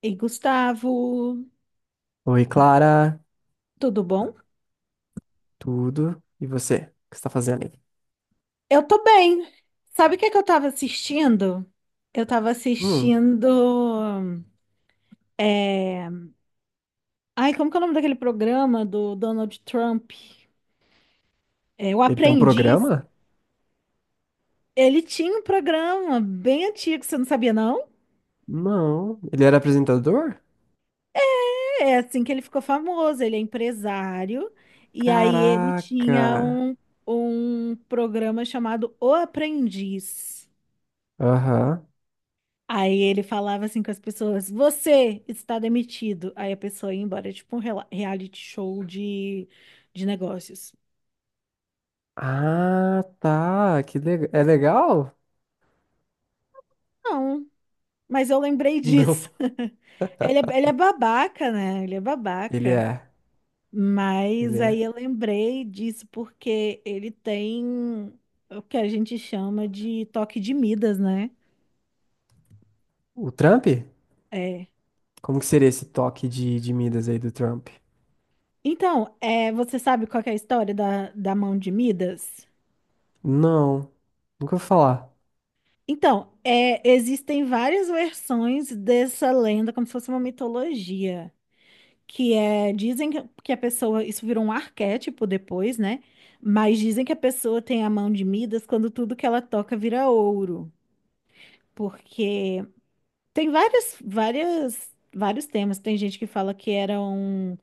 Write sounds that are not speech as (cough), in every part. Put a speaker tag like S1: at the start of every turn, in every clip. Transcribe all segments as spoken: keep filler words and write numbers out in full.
S1: E Gustavo,
S2: Oi, Clara,
S1: tudo bom?
S2: tudo? E você? O que você está fazendo aí?
S1: Eu tô bem. Sabe o que é que eu tava assistindo? Eu tava
S2: Hum,
S1: assistindo. Ai, como que é o nome daquele programa do Donald Trump? É, O
S2: ele tem um
S1: Aprendiz.
S2: programa?
S1: Ele tinha um programa bem antigo, você não sabia, não?
S2: Não, ele era apresentador?
S1: É assim que ele ficou famoso. Ele é empresário. E aí ele
S2: Caraca.
S1: tinha um, um programa chamado O Aprendiz.
S2: Aham.
S1: Aí ele falava assim com as pessoas: você está demitido. Aí a pessoa ia embora, tipo um rela- reality show de, de negócios.
S2: Ah, tá. Que legal. É legal?
S1: Não, mas eu lembrei disso.
S2: Não,
S1: (laughs) Ele é, ele é babaca, né? Ele é
S2: ele
S1: babaca.
S2: é. Ele
S1: Mas aí
S2: é.
S1: eu lembrei disso porque ele tem o que a gente chama de toque de Midas, né?
S2: O Trump?
S1: É.
S2: Como que seria esse toque de, de Midas aí do Trump?
S1: Então, é, você sabe qual que é a história da, da mão de Midas?
S2: Não, nunca vou falar.
S1: Então, é, existem várias versões dessa lenda, como se fosse uma mitologia, que é, dizem que que a pessoa, isso virou um arquétipo depois, né? Mas dizem que a pessoa tem a mão de Midas quando tudo que ela toca vira ouro, porque tem várias, várias, vários temas. Tem gente que fala que eram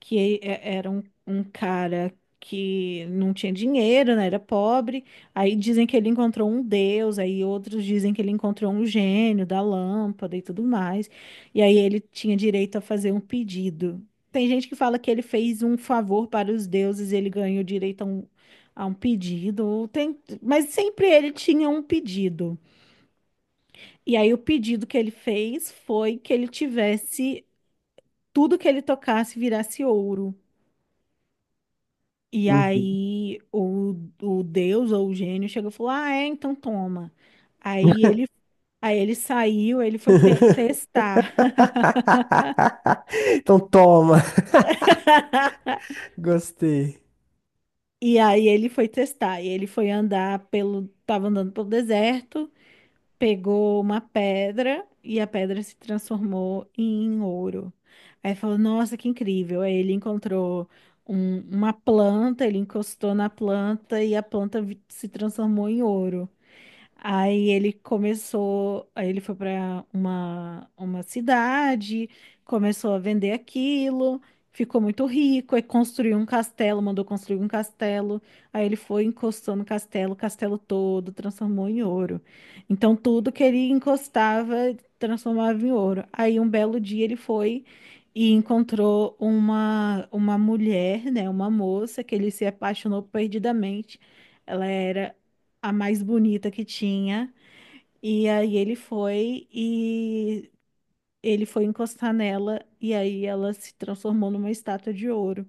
S1: que e- era um, um cara que não tinha dinheiro, né? Era pobre. Aí dizem que ele encontrou um deus, aí outros dizem que ele encontrou um gênio da lâmpada e tudo mais. E aí ele tinha direito a fazer um pedido. Tem gente que fala que ele fez um favor para os deuses, ele ganhou direito a um, a um pedido. Ou Tem, mas sempre ele tinha um pedido. E aí o pedido que ele fez foi que ele tivesse tudo que ele tocasse virasse ouro. E
S2: Uhum.
S1: aí o, o Deus ou o gênio chegou e falou: ah, é, então toma. Aí ele, aí ele saiu, ele foi te-
S2: (laughs)
S1: testar.
S2: Então toma. (laughs)
S1: (laughs)
S2: Gostei.
S1: E aí ele foi testar. E ele foi andar pelo. Tava andando pelo deserto, pegou uma pedra e a pedra se transformou em ouro. Aí falou: nossa, que incrível! Aí ele encontrou um- uma planta, ele encostou na planta e a planta vi- se transformou em ouro. Aí ele começou, aí ele foi para uma, uma cidade, começou a vender aquilo, ficou muito rico, aí construiu um castelo, mandou construir um castelo. Aí ele foi encostando o castelo, o castelo todo transformou em ouro. Então tudo que ele encostava transformava em ouro. Aí um belo dia ele foi e encontrou uma uma mulher, né, uma moça que ele se apaixonou perdidamente. Ela era a mais bonita que tinha. E aí ele foi e ele foi encostar nela e aí ela se transformou numa estátua de ouro.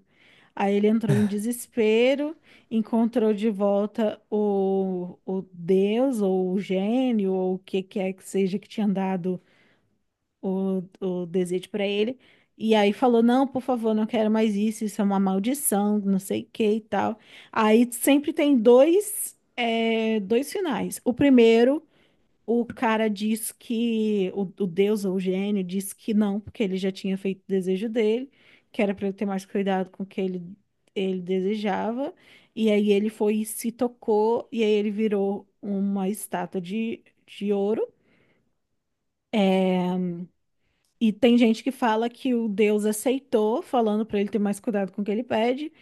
S1: Aí ele entrou em desespero, encontrou de volta o, o Deus ou o gênio ou o que quer que seja que tinha dado o, o desejo para ele. E aí falou: não, por favor, não quero mais isso, isso é uma maldição, não sei o que e tal. Aí sempre tem dois, é, dois finais. O primeiro o cara diz que, o, o deus ou o gênio diz que não, porque ele já tinha feito o desejo dele, que era para ele ter mais cuidado com o que ele, ele desejava. E aí ele foi e se tocou, e aí ele virou uma estátua de, de ouro. E tem gente que fala que o deus aceitou, falando para ele ter mais cuidado com o que ele pede,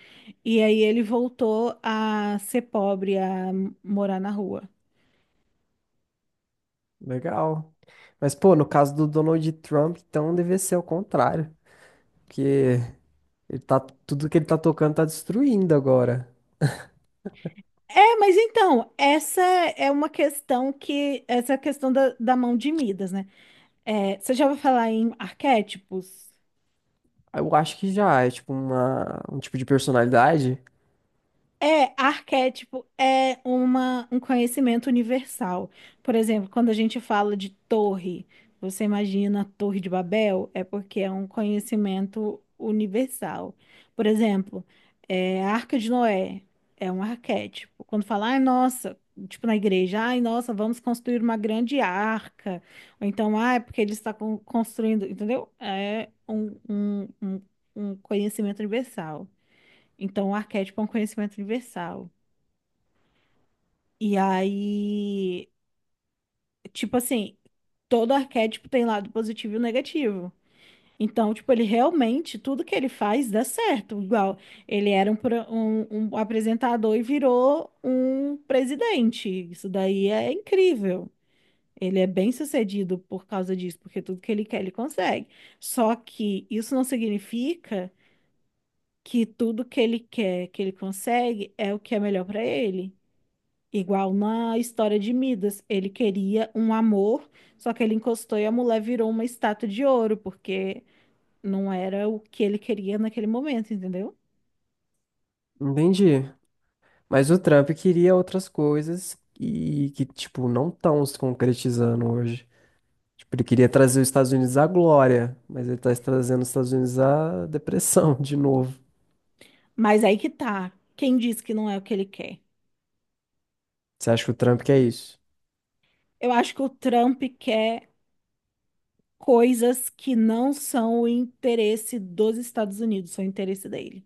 S1: e aí ele voltou a ser pobre, a morar na rua.
S2: Legal. Mas, pô, no caso do Donald Trump, então deve ser o contrário. Porque ele tá, tudo que ele tá tocando tá destruindo agora.
S1: É, mas então, essa é uma questão que, essa é a questão da, da mão de Midas, né? É, você já vai falar em arquétipos?
S2: Eu acho que já é tipo uma, um tipo de personalidade.
S1: É, arquétipo é uma, um conhecimento universal. Por exemplo, quando a gente fala de torre, você imagina a Torre de Babel? É porque é um conhecimento universal. Por exemplo, é, a Arca de Noé é um arquétipo. Quando fala, ai, nossa, tipo na igreja, ai, nossa, vamos construir uma grande arca. Ou então, ah, é porque ele está con- construindo, entendeu? É um, um, um um conhecimento universal. Então, o arquétipo é um conhecimento universal. E aí, tipo assim, todo arquétipo tem lado positivo e negativo. Então, tipo, ele realmente, tudo que ele faz dá certo. Igual, ele era um, pro- um, um apresentador e virou um presidente. Isso daí é incrível. Ele é bem sucedido por causa disso, porque tudo que ele quer, ele consegue. Só que isso não significa que tudo que ele quer, que ele consegue, é o que é melhor para ele. Igual na história de Midas, ele queria um amor, só que ele encostou e a mulher virou uma estátua de ouro, porque não era o que ele queria naquele momento, entendeu?
S2: Entendi. Mas o Trump queria outras coisas e que, tipo, não estão se concretizando hoje. Tipo, ele queria trazer os Estados Unidos à glória, mas ele tá trazendo os Estados Unidos à depressão (laughs) de novo.
S1: Mas aí que tá. Quem diz que não é o que ele quer?
S2: Você acha que o Trump quer isso?
S1: Eu acho que o Trump quer coisas que não são o interesse dos Estados Unidos, são o interesse dele.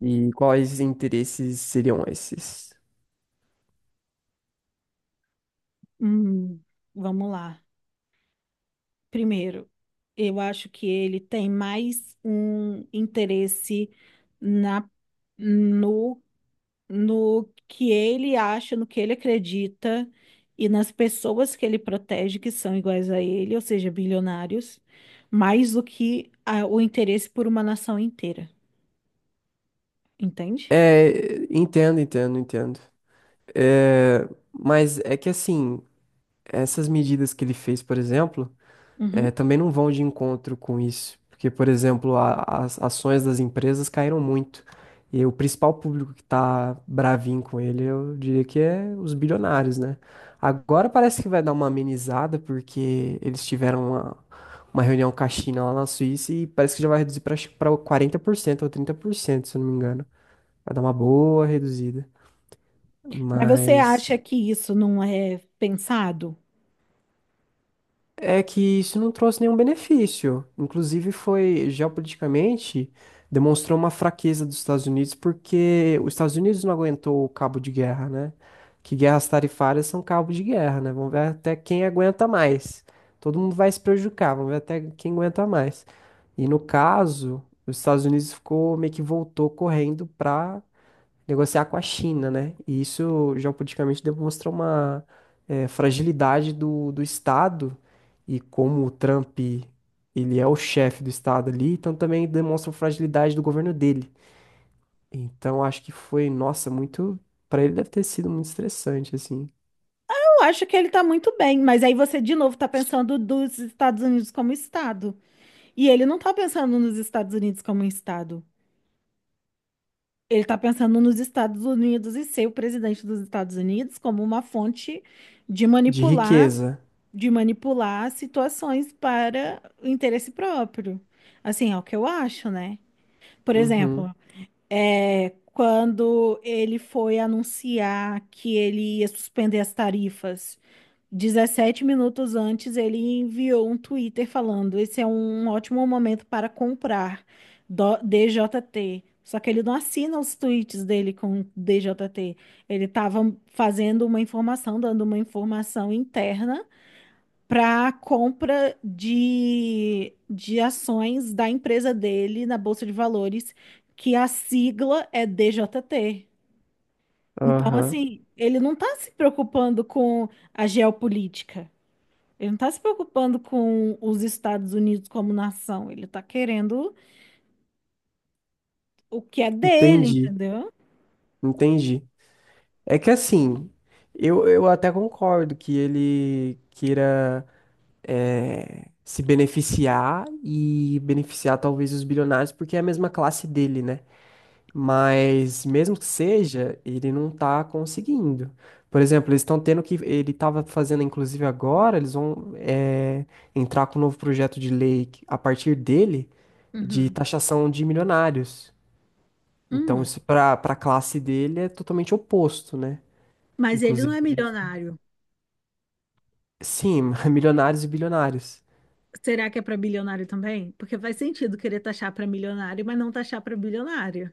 S2: E quais interesses seriam esses?
S1: Hum, vamos lá. Primeiro, eu acho que ele tem mais um interesse na no no que ele acha, no que ele acredita e nas pessoas que ele protege que são iguais a ele, ou seja, bilionários, mais do que a- o interesse por uma nação inteira, entende?
S2: É, entendo, entendo, entendo. É, mas é que assim, essas medidas que ele fez, por exemplo, é,
S1: Uhum.
S2: também não vão de encontro com isso. Porque, por exemplo, a- as ações das empresas caíram muito. E o principal público que tá bravinho com ele, eu diria que é os bilionários, né? Agora parece que vai dar uma amenizada, porque eles tiveram uma, uma reunião com a China lá na Suíça e parece que já vai reduzir para quarenta por cento ou trinta por cento se eu não me engano. Vai dar uma boa reduzida.
S1: Mas você
S2: Mas
S1: acha que isso não é pensado?
S2: é que isso não trouxe nenhum benefício. Inclusive, foi geopoliticamente demonstrou uma fraqueza dos Estados Unidos, porque os Estados Unidos não aguentou o cabo de guerra, né? Que guerras tarifárias são cabo de guerra, né? Vamos ver até quem aguenta mais. Todo mundo vai se prejudicar, vamos ver até quem aguenta mais. E no caso, os Estados Unidos ficou meio que voltou correndo para negociar com a China, né? E isso geopoliticamente demonstra uma eh, fragilidade do, do Estado e como o Trump ele é o chefe do Estado ali, então também demonstra a fragilidade do governo dele. Então acho que foi, nossa, muito, para ele deve ter sido muito estressante assim,
S1: Eu acho que ele tá muito bem, mas aí você de novo tá pensando dos Estados Unidos como Estado. E ele não tá pensando nos Estados Unidos como Estado. Ele está pensando nos Estados Unidos e ser o presidente dos Estados Unidos como uma fonte de
S2: de
S1: manipular,
S2: riqueza.
S1: de manipular situações para o interesse próprio. Assim, é o que eu acho, né? Por
S2: Uhum.
S1: exemplo, é, quando ele foi anunciar que ele ia suspender as tarifas dezessete minutos antes, ele enviou um Twitter falando: esse é um ótimo momento para comprar do- D J T. Só que ele não assina os tweets dele com D J T. Ele estava fazendo uma informação, dando uma informação interna para compra de, de ações da empresa dele na Bolsa de Valores, que a sigla é D J T. Então,
S2: Aham.
S1: assim, ele não está se preocupando com a geopolítica. Ele não está se preocupando com os Estados Unidos como nação, ele está querendo o que é dele,
S2: Entendi.
S1: entendeu?
S2: Entendi. É que assim, eu, eu até concordo que ele queira eh, se beneficiar e beneficiar talvez os bilionários, porque é a mesma classe dele, né? Mas mesmo que seja, ele não tá conseguindo. Por exemplo, eles estão tendo que. Ele estava fazendo, inclusive agora, eles vão eh, entrar com um novo projeto de lei que- a partir dele de
S1: Uhum.
S2: taxação de milionários. Então,
S1: Hum.
S2: isso para para a classe dele é totalmente oposto, né?
S1: Mas ele não
S2: Inclusive,
S1: é
S2: eles-
S1: milionário.
S2: sim, (laughs) milionários e bilionários.
S1: Será que é para bilionário também? Porque faz sentido querer taxar para milionário, mas não taxar para bilionário.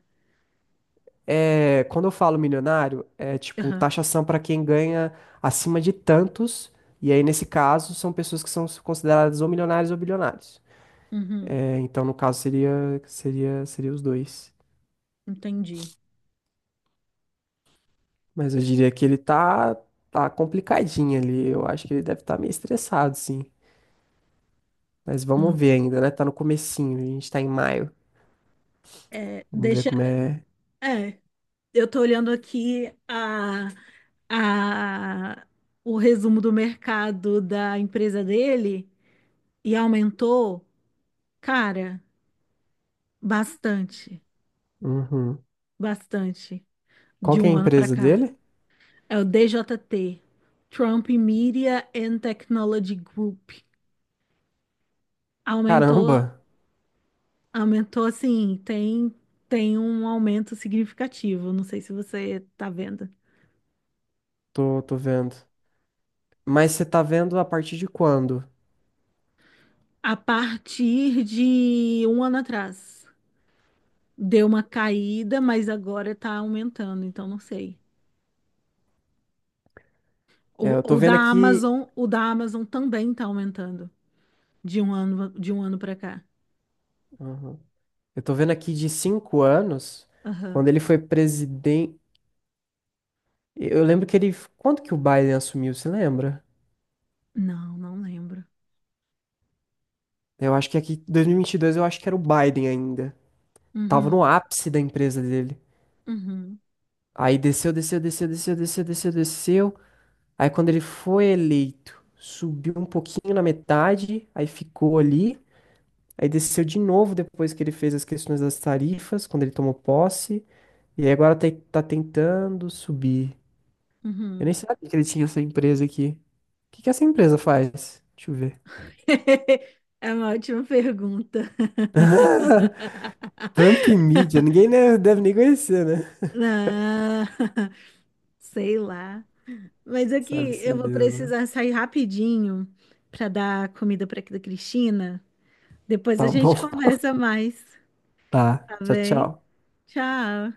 S2: É, quando eu falo milionário, é tipo
S1: Aham.
S2: taxação para quem ganha acima de tantos, e aí nesse caso são pessoas que são consideradas ou milionários ou bilionários.
S1: Uhum.
S2: É, então no caso seria seria seria os dois.
S1: Entendi.
S2: Mas eu diria que ele tá tá complicadinho ali. Eu acho que ele deve estar meio estressado, sim. Mas vamos
S1: Hum.
S2: ver ainda, né? Tá no comecinho, a gente tá em maio.
S1: É,
S2: Vamos ver
S1: deixa.
S2: como é.
S1: É, eu tô olhando aqui a, a, o resumo do mercado da empresa dele e aumentou, cara, bastante.
S2: Uhum.
S1: Bastante.
S2: Qual
S1: De
S2: que é
S1: um
S2: a
S1: ano para
S2: empresa
S1: cá.
S2: dele?
S1: É o D J T, Trump Media and Technology Group. Aumentou,
S2: Caramba,
S1: aumentou assim, tem tem um aumento significativo, não sei se você tá vendo.
S2: tô tô vendo. Mas você tá vendo a partir de quando?
S1: A partir de um ano atrás, deu uma caída, mas agora está aumentando, então não sei.
S2: É, eu
S1: O,
S2: tô
S1: o da
S2: vendo aqui.
S1: Amazon, o da Amazon também está aumentando de um ano de um ano para cá.
S2: Uhum. Eu tô vendo aqui de cinco anos,
S1: Aham.
S2: quando ele foi presidente. Eu lembro que ele. Quando que o Biden assumiu, você lembra?
S1: Não, não lembro.
S2: Eu acho que aqui, dois mil e e vinte e dois, eu acho que era o Biden ainda. Tava no
S1: Uhum.
S2: ápice da empresa dele.
S1: Uhum,
S2: Aí desceu, desceu, desceu, desceu, desceu, desceu, desceu. Aí quando ele foi eleito, subiu um pouquinho na metade, aí ficou ali. Aí desceu de novo depois que ele fez as questões das tarifas, quando ele tomou posse. E aí agora tá tá tentando subir. Eu
S1: uhum.
S2: nem sabia que ele tinha essa empresa aqui. O que que essa empresa faz? Deixa eu ver.
S1: (laughs) É uma ótima pergunta.
S2: (laughs) Trump Media,
S1: (laughs)
S2: ninguém né, deve nem conhecer, né?
S1: Não, (laughs) sei lá. Mas aqui eu
S2: Sabe-se
S1: vou
S2: Deus, né?
S1: precisar sair rapidinho para dar comida para a Cristina. Depois a
S2: Tá bom.
S1: gente
S2: (laughs)
S1: conversa mais,
S2: Tá.
S1: tá
S2: Tchau,
S1: bem?
S2: tchau.
S1: Tchau.